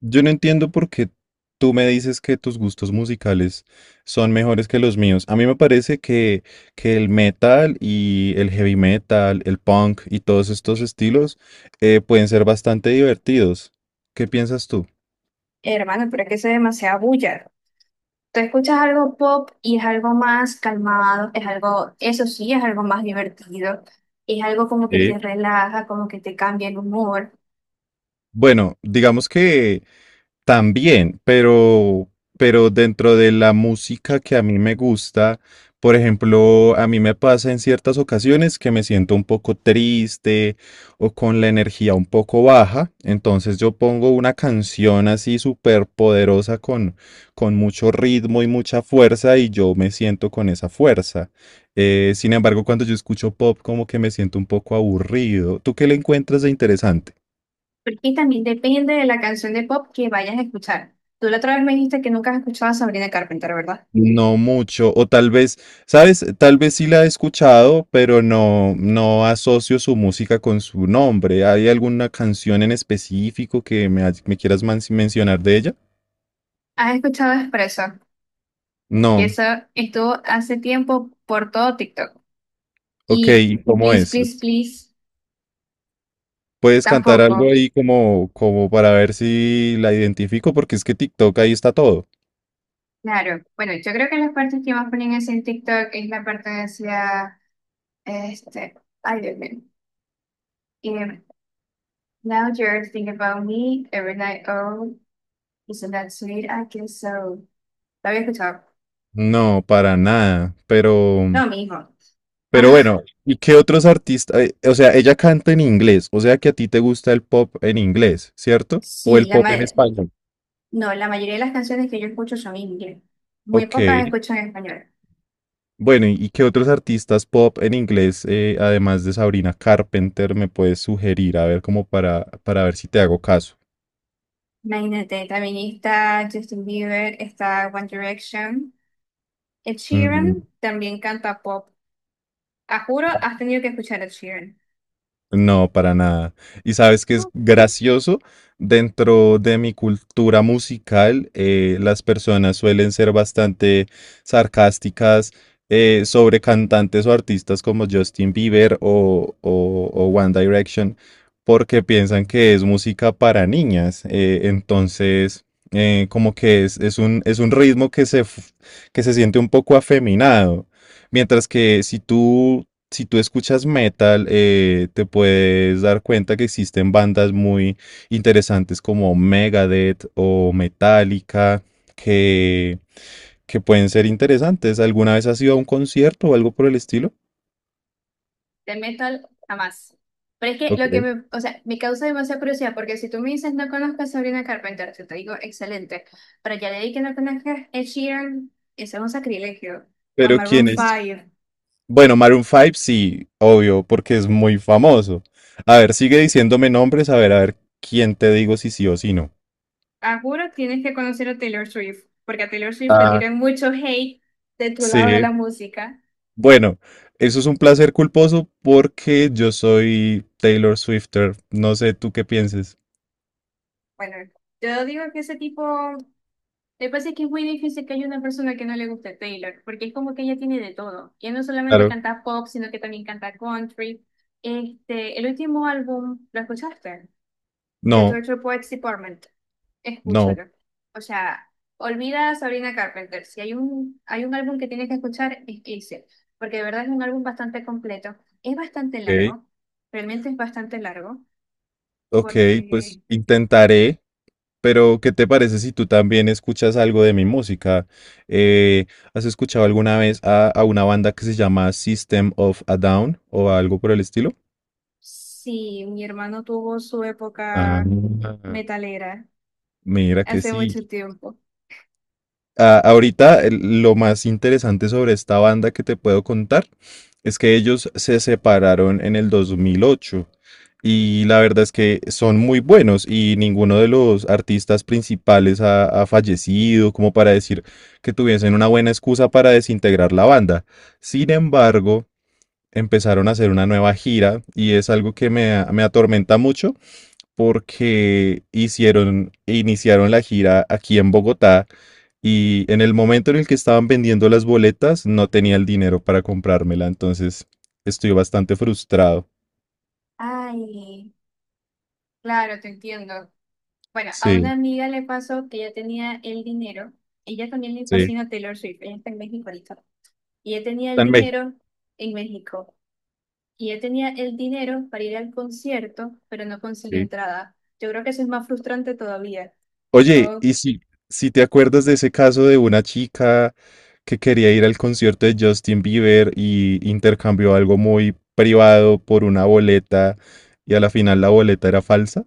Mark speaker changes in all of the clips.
Speaker 1: Yo no entiendo por qué tú me dices que tus gustos musicales son mejores que los míos. A mí me parece que el metal y el heavy metal, el punk y todos estos estilos pueden ser bastante divertidos. ¿Qué piensas tú?
Speaker 2: Hermano, pero es que eso es demasiada bulla. Tú escuchas algo pop y es algo más calmado, es algo, eso sí, es algo más divertido, es algo como que
Speaker 1: Sí.
Speaker 2: te relaja, como que te cambia el humor.
Speaker 1: Bueno, digamos que también, pero dentro de la música que a mí me gusta, por ejemplo, a mí me pasa en ciertas ocasiones que me siento un poco triste o con la energía un poco baja, entonces yo pongo una canción así súper poderosa con mucho ritmo y mucha fuerza y yo me siento con esa fuerza. Sin embargo, cuando yo escucho pop, como que me siento un poco aburrido. ¿Tú qué le encuentras de interesante?
Speaker 2: Porque también depende de la canción de pop que vayas a escuchar. Tú la otra vez me dijiste que nunca has escuchado a Sabrina Carpenter, ¿verdad?
Speaker 1: No mucho, o tal vez, ¿sabes? Tal vez sí la he escuchado, pero no asocio su música con su nombre. ¿Hay alguna canción en específico que me quieras mencionar de ella?
Speaker 2: Has escuchado Espresso, que
Speaker 1: No.
Speaker 2: eso estuvo hace tiempo por todo TikTok.
Speaker 1: Ok,
Speaker 2: Y
Speaker 1: ¿y cómo
Speaker 2: Please,
Speaker 1: es?
Speaker 2: Please, Please,
Speaker 1: ¿Puedes cantar algo
Speaker 2: tampoco.
Speaker 1: ahí como para ver si la identifico? Porque es que TikTok ahí está todo.
Speaker 2: Claro, bueno, yo creo que las partes que más ponen así en TikTok es la parte de hacia Este, ay, Dios mío. Y now you're thinking about me every night. Oh, isn't that sweet? I guess so. ¿La había escuchado?
Speaker 1: No, para nada, pero
Speaker 2: No, mi hijo.
Speaker 1: Pero
Speaker 2: Ah,
Speaker 1: bueno, ¿y qué otros artistas? O sea, ella canta en inglés, o sea que a ti te gusta el pop en inglés, ¿cierto? O
Speaker 2: sí,
Speaker 1: el pop,
Speaker 2: no, la mayoría de las canciones que yo escucho son en inglés. Muy pocas
Speaker 1: ok.
Speaker 2: escucho en español.
Speaker 1: Bueno, ¿y qué otros artistas pop en inglés, además de Sabrina Carpenter, me puedes sugerir? A ver, para ver si te hago caso.
Speaker 2: Imagínate, también está Justin Bieber, está One Direction. Ed Sheeran también canta pop. A juro, has tenido que escuchar a Ed Sheeran.
Speaker 1: No, para nada. Y sabes que es gracioso, dentro de mi cultura musical, las personas suelen ser bastante sarcásticas sobre cantantes o artistas como Justin Bieber o One Direction, porque piensan que es música para niñas. Entonces, como que es es un ritmo que se siente un poco afeminado. Mientras que si tú si tú escuchas metal, te puedes dar cuenta que existen bandas muy interesantes como Megadeth o Metallica, que, que pueden ser interesantes. ¿Alguna vez has ido a un concierto o algo por el estilo?
Speaker 2: Del metal, jamás. Pero es que
Speaker 1: Ok.
Speaker 2: o sea, me causa demasiada curiosidad, porque si tú me dices no conozco a Sabrina Carpenter, yo te digo excelente, pero ya leí que no conozcas Ed Sheeran, eso es un sacrilegio. O a
Speaker 1: Pero
Speaker 2: Maroon
Speaker 1: ¿quién sí. es?
Speaker 2: 5.
Speaker 1: Bueno, Maroon 5 sí, obvio, porque es muy famoso. A ver, sigue diciéndome nombres, a ver quién te digo si sí o si no.
Speaker 2: Ah, juro, tienes que conocer a Taylor Swift, porque a Taylor Swift le
Speaker 1: Ah,
Speaker 2: tiran mucho hate de tu lado de
Speaker 1: sí.
Speaker 2: la música.
Speaker 1: Bueno, eso es un placer culposo porque yo soy Taylor Swifter. No sé tú qué pienses.
Speaker 2: Bueno, yo digo que ese tipo. Me parece que es muy difícil que haya una persona que no le guste Taylor, porque es como que ella tiene de todo. Ella no solamente
Speaker 1: Claro.
Speaker 2: canta pop, sino que también canta country. Este, el último álbum, ¿lo escuchaste? The
Speaker 1: No,
Speaker 2: Torture Poets Department.
Speaker 1: no.
Speaker 2: Escúchalo. O sea, olvida a Sabrina Carpenter. Si hay un álbum que tienes que escuchar, es ese, porque de verdad es un álbum bastante completo. Es bastante
Speaker 1: Ok,
Speaker 2: largo, realmente es bastante largo,
Speaker 1: ok, pues
Speaker 2: porque
Speaker 1: intentaré. Pero, ¿qué te parece si tú también escuchas algo de mi música? Eh, ¿Has escuchado alguna vez a una banda que se llama System of a Down o algo por el estilo?
Speaker 2: sí, mi hermano tuvo su
Speaker 1: Ah,
Speaker 2: época metalera.
Speaker 1: mira que
Speaker 2: Hace
Speaker 1: sí.
Speaker 2: mucho tiempo.
Speaker 1: Ahorita lo más interesante sobre esta banda que te puedo contar es que ellos se separaron en el 2008 y la verdad es que son muy buenos y ninguno de los artistas principales ha fallecido como para decir que tuviesen una buena excusa para desintegrar la banda. Sin embargo, empezaron a hacer una nueva gira y es algo me atormenta mucho porque hicieron, iniciaron la gira aquí en Bogotá y en el momento en el que estaban vendiendo las boletas no tenía el dinero para comprármela, entonces estoy bastante frustrado.
Speaker 2: Ay, claro, te entiendo. Bueno, a una
Speaker 1: Sí,
Speaker 2: amiga le pasó que ella tenía el dinero. Ella también le
Speaker 1: sí,
Speaker 2: fascina Taylor Swift. Ella está en México ahorita. Y ella tenía
Speaker 1: está
Speaker 2: el
Speaker 1: en México.
Speaker 2: dinero en México. Y ella tenía el dinero para ir al concierto, pero no consiguió
Speaker 1: Sí.
Speaker 2: entrada. Yo creo que eso es más frustrante todavía.
Speaker 1: Oye,
Speaker 2: Como,
Speaker 1: si te acuerdas de ese caso de una chica que quería ir al concierto de Justin Bieber y intercambió algo muy privado por una boleta y a la final la boleta era falsa.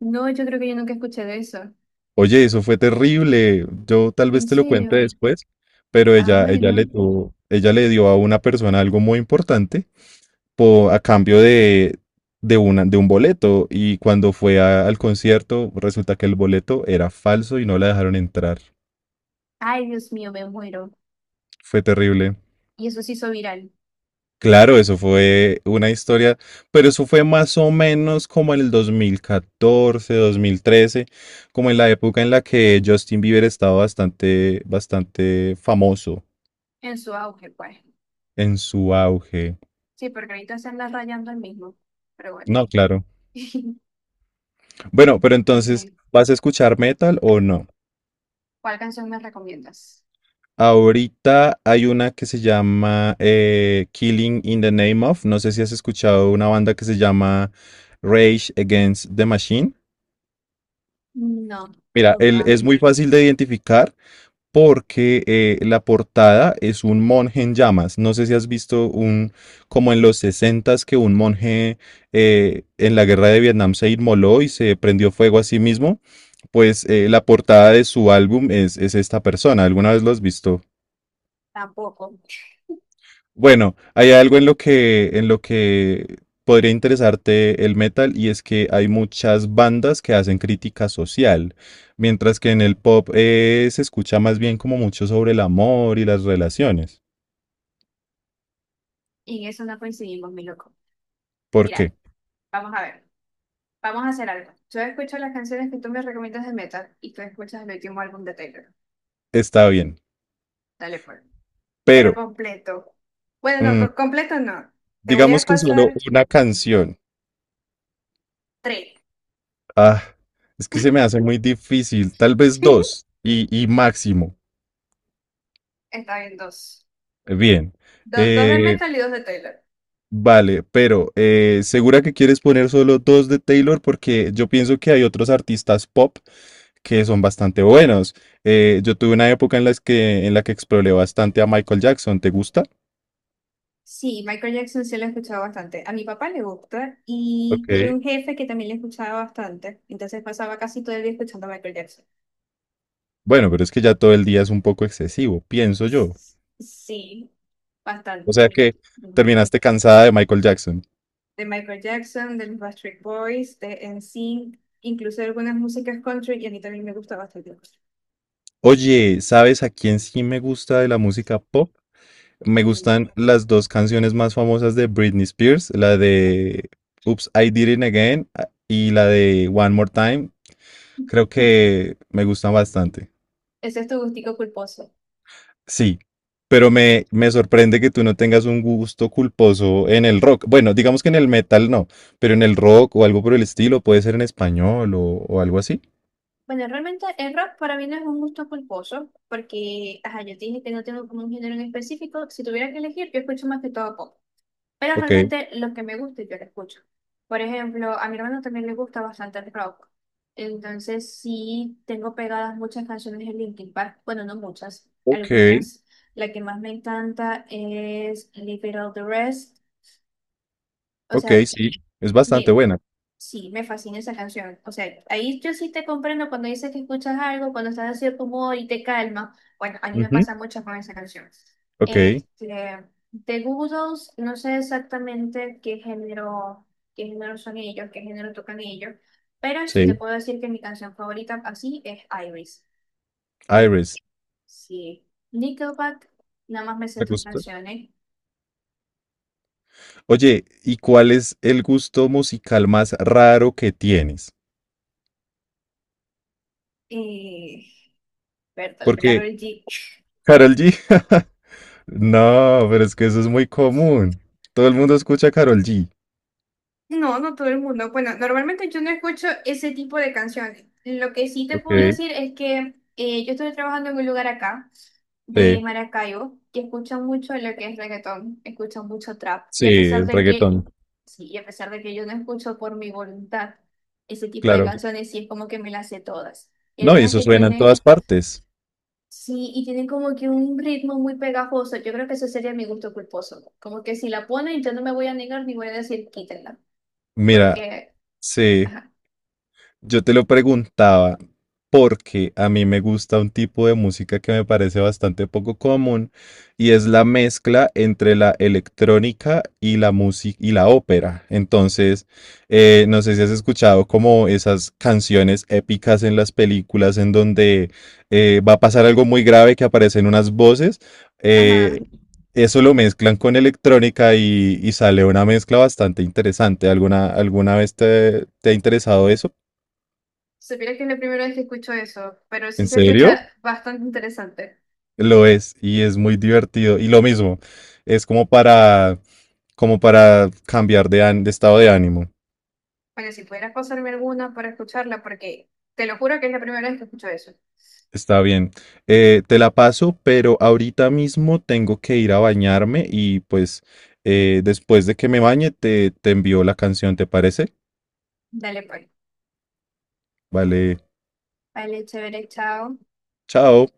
Speaker 2: no, yo creo que yo nunca escuché de eso.
Speaker 1: Oye, eso fue terrible. Yo tal vez
Speaker 2: ¿En
Speaker 1: te lo cuente
Speaker 2: serio?
Speaker 1: después, pero
Speaker 2: Ah,
Speaker 1: ella le
Speaker 2: bueno.
Speaker 1: ella le dio a una persona algo muy importante a cambio de un boleto. Y cuando fue al concierto, resulta que el boleto era falso y no la dejaron entrar.
Speaker 2: Ay, Dios mío, me muero.
Speaker 1: Fue terrible.
Speaker 2: Y eso se hizo viral
Speaker 1: Claro, eso fue una historia, pero eso fue más o menos como en el 2014, 2013, como en la época en la que Justin Bieber estaba bastante, bastante famoso.
Speaker 2: en su auge, pues.
Speaker 1: En su auge.
Speaker 2: Sí, porque ahorita se anda rayando el mismo. Pero bueno.
Speaker 1: No, claro. Bueno, pero
Speaker 2: Pero
Speaker 1: entonces,
Speaker 2: sí.
Speaker 1: ¿vas a escuchar metal o no?
Speaker 2: ¿Cuál canción me recomiendas?
Speaker 1: Ahorita hay una que se llama Killing in the Name of. No sé si has escuchado una banda que se llama Rage Against the Machine.
Speaker 2: No,
Speaker 1: Mira, él
Speaker 2: nunca,
Speaker 1: es muy fácil de identificar porque la portada es un monje en llamas. No sé si has visto como en los 60s, que un monje en la guerra de Vietnam se inmoló y se prendió fuego a sí mismo. Pues la portada de su álbum es esta persona. ¿Alguna vez lo has visto?
Speaker 2: tampoco.
Speaker 1: Bueno, hay algo en lo en lo que podría interesarte el metal y es que hay muchas bandas que hacen crítica social, mientras que en el pop se escucha más bien como mucho sobre el amor y las relaciones.
Speaker 2: Y en eso no coincidimos, mi loco.
Speaker 1: ¿Por
Speaker 2: Mira,
Speaker 1: qué?
Speaker 2: vamos a ver. Vamos a hacer algo. Yo escucho las canciones que tú me recomiendas de metal y tú escuchas el último álbum de Taylor.
Speaker 1: Está bien,
Speaker 2: Dale, pues. Pero
Speaker 1: pero
Speaker 2: completo. Bueno, no,
Speaker 1: mm,
Speaker 2: completo no. Te voy
Speaker 1: digamos
Speaker 2: a
Speaker 1: que solo
Speaker 2: pasar
Speaker 1: una canción.
Speaker 2: tres.
Speaker 1: Ah, es que se me hace muy difícil, tal vez y máximo.
Speaker 2: Está bien, dos.
Speaker 1: Bien.
Speaker 2: Dos de
Speaker 1: eh,
Speaker 2: metal y dos de Taylor.
Speaker 1: Vale, pero ¿segura que quieres poner solo dos de Taylor? Porque yo pienso que hay otros artistas pop que son bastante buenos. Yo tuve una época en la que exploré bastante a Michael Jackson. ¿Te gusta?
Speaker 2: Sí, Michael Jackson sí lo he escuchado bastante. A mi papá le gusta y
Speaker 1: Ok.
Speaker 2: tuve un jefe que también le escuchaba bastante. Entonces pasaba casi todo el día escuchando a Michael Jackson.
Speaker 1: Bueno, pero es que ya todo el día es un poco excesivo, pienso yo.
Speaker 2: Sí,
Speaker 1: O sea
Speaker 2: bastante.
Speaker 1: que
Speaker 2: Ujú.
Speaker 1: terminaste cansada de Michael Jackson.
Speaker 2: De Michael Jackson, de los Backstreet Boys, de NSYNC, incluso de algunas músicas country y a mí también me gusta bastante el country.
Speaker 1: Oye, ¿sabes a quién sí me gusta de la música pop? Me
Speaker 2: ¿Quién?
Speaker 1: gustan las dos canciones más famosas de Britney Spears, la de Oops, I Did It Again y la de One More Time. Creo que me gustan bastante.
Speaker 2: Ese es tu gustico culposo.
Speaker 1: Sí, pero me sorprende que tú no tengas un gusto culposo en el rock. Bueno, digamos que en el metal no, pero en el rock o algo por el estilo, puede ser en español o algo así.
Speaker 2: Bueno, realmente el rock para mí no es un gusto culposo porque, ajá, yo te dije que no tengo como un género en específico. Si tuviera que elegir, yo escucho más que todo pop. Pero
Speaker 1: Ok,
Speaker 2: realmente lo que me gusta yo lo escucho. Por ejemplo, a mi hermano también le gusta bastante el rock. Entonces sí tengo pegadas muchas canciones de Linkin Park. Bueno, no muchas,
Speaker 1: ok,
Speaker 2: algunas. La que más me encanta es Leave It All the Rest. O
Speaker 1: ok,
Speaker 2: sea,
Speaker 1: sí, es bastante
Speaker 2: me,
Speaker 1: buena.
Speaker 2: Sí, me fascina esa canción. O sea, ahí yo sí te comprendo cuando dices que escuchas algo, cuando estás así de cierto humor y te calma. Bueno, a mí me
Speaker 1: Ujú,
Speaker 2: pasa mucho con esa canción.
Speaker 1: ok,
Speaker 2: Este, de Goo Goo Dolls, no sé exactamente qué género son ellos, qué género tocan ellos, pero sí te
Speaker 1: sí,
Speaker 2: puedo decir que mi canción favorita así es Iris. Eh,
Speaker 1: Iris,
Speaker 2: sí, Nickelback, nada más me sé
Speaker 1: me
Speaker 2: tres
Speaker 1: gusta.
Speaker 2: canciones.
Speaker 1: Oye, ¿y cuál es el gusto musical más raro que tienes?
Speaker 2: Eh, Bertolt,
Speaker 1: Porque
Speaker 2: Karol G.
Speaker 1: Karol G, no, pero es que eso es muy común. Todo el mundo escucha Karol G.
Speaker 2: No, no todo el mundo. Bueno, normalmente yo no escucho ese tipo de canciones. Lo que sí te
Speaker 1: Ok,
Speaker 2: puedo decir es que yo estoy trabajando en un lugar acá, de
Speaker 1: sí,
Speaker 2: Maracaibo, que escuchan mucho lo que es reggaetón, escuchan mucho trap. Y
Speaker 1: sí,
Speaker 2: a pesar
Speaker 1: el
Speaker 2: de que,
Speaker 1: reggaetón,
Speaker 2: sí, y a pesar de que yo no escucho por mi voluntad ese tipo de
Speaker 1: claro.
Speaker 2: canciones, sí es como que me las sé todas. Y
Speaker 1: No, y
Speaker 2: algunas
Speaker 1: eso
Speaker 2: que
Speaker 1: suena en todas
Speaker 2: tienen,
Speaker 1: partes.
Speaker 2: sí, y tienen como que un ritmo muy pegajoso. Yo creo que eso sería mi gusto culposo. Como que si la ponen, yo no me voy a negar ni voy a decir quítenla
Speaker 1: Mira,
Speaker 2: porque
Speaker 1: sí.
Speaker 2: ajá.
Speaker 1: Yo te lo preguntaba porque a mí me gusta un tipo de música que me parece bastante poco común y es la mezcla entre la electrónica y la música y la ópera. Entonces, no sé si has escuchado como esas canciones épicas en las películas en donde va a pasar algo muy grave que aparecen unas voces. eh,
Speaker 2: Ajá.
Speaker 1: Eso lo mezclan con electrónica y sale una mezcla bastante interesante. ¿Alguna vez te te ha interesado eso?
Speaker 2: Supiera que es la primera vez que escucho eso, pero sí
Speaker 1: ¿En
Speaker 2: se
Speaker 1: serio?
Speaker 2: escucha bastante interesante.
Speaker 1: Lo es y es muy divertido. Y lo mismo, es como para, como para cambiar de estado de ánimo.
Speaker 2: Oye, si pudieras pasarme alguna para escucharla, porque te lo juro que es la primera vez que escucho eso.
Speaker 1: Está bien. Te la paso, pero ahorita mismo tengo que ir a bañarme y pues después de que me bañe te envío la canción, ¿te parece?
Speaker 2: Dale, pues.
Speaker 1: Vale,
Speaker 2: Vale, chévere, chao.
Speaker 1: chao.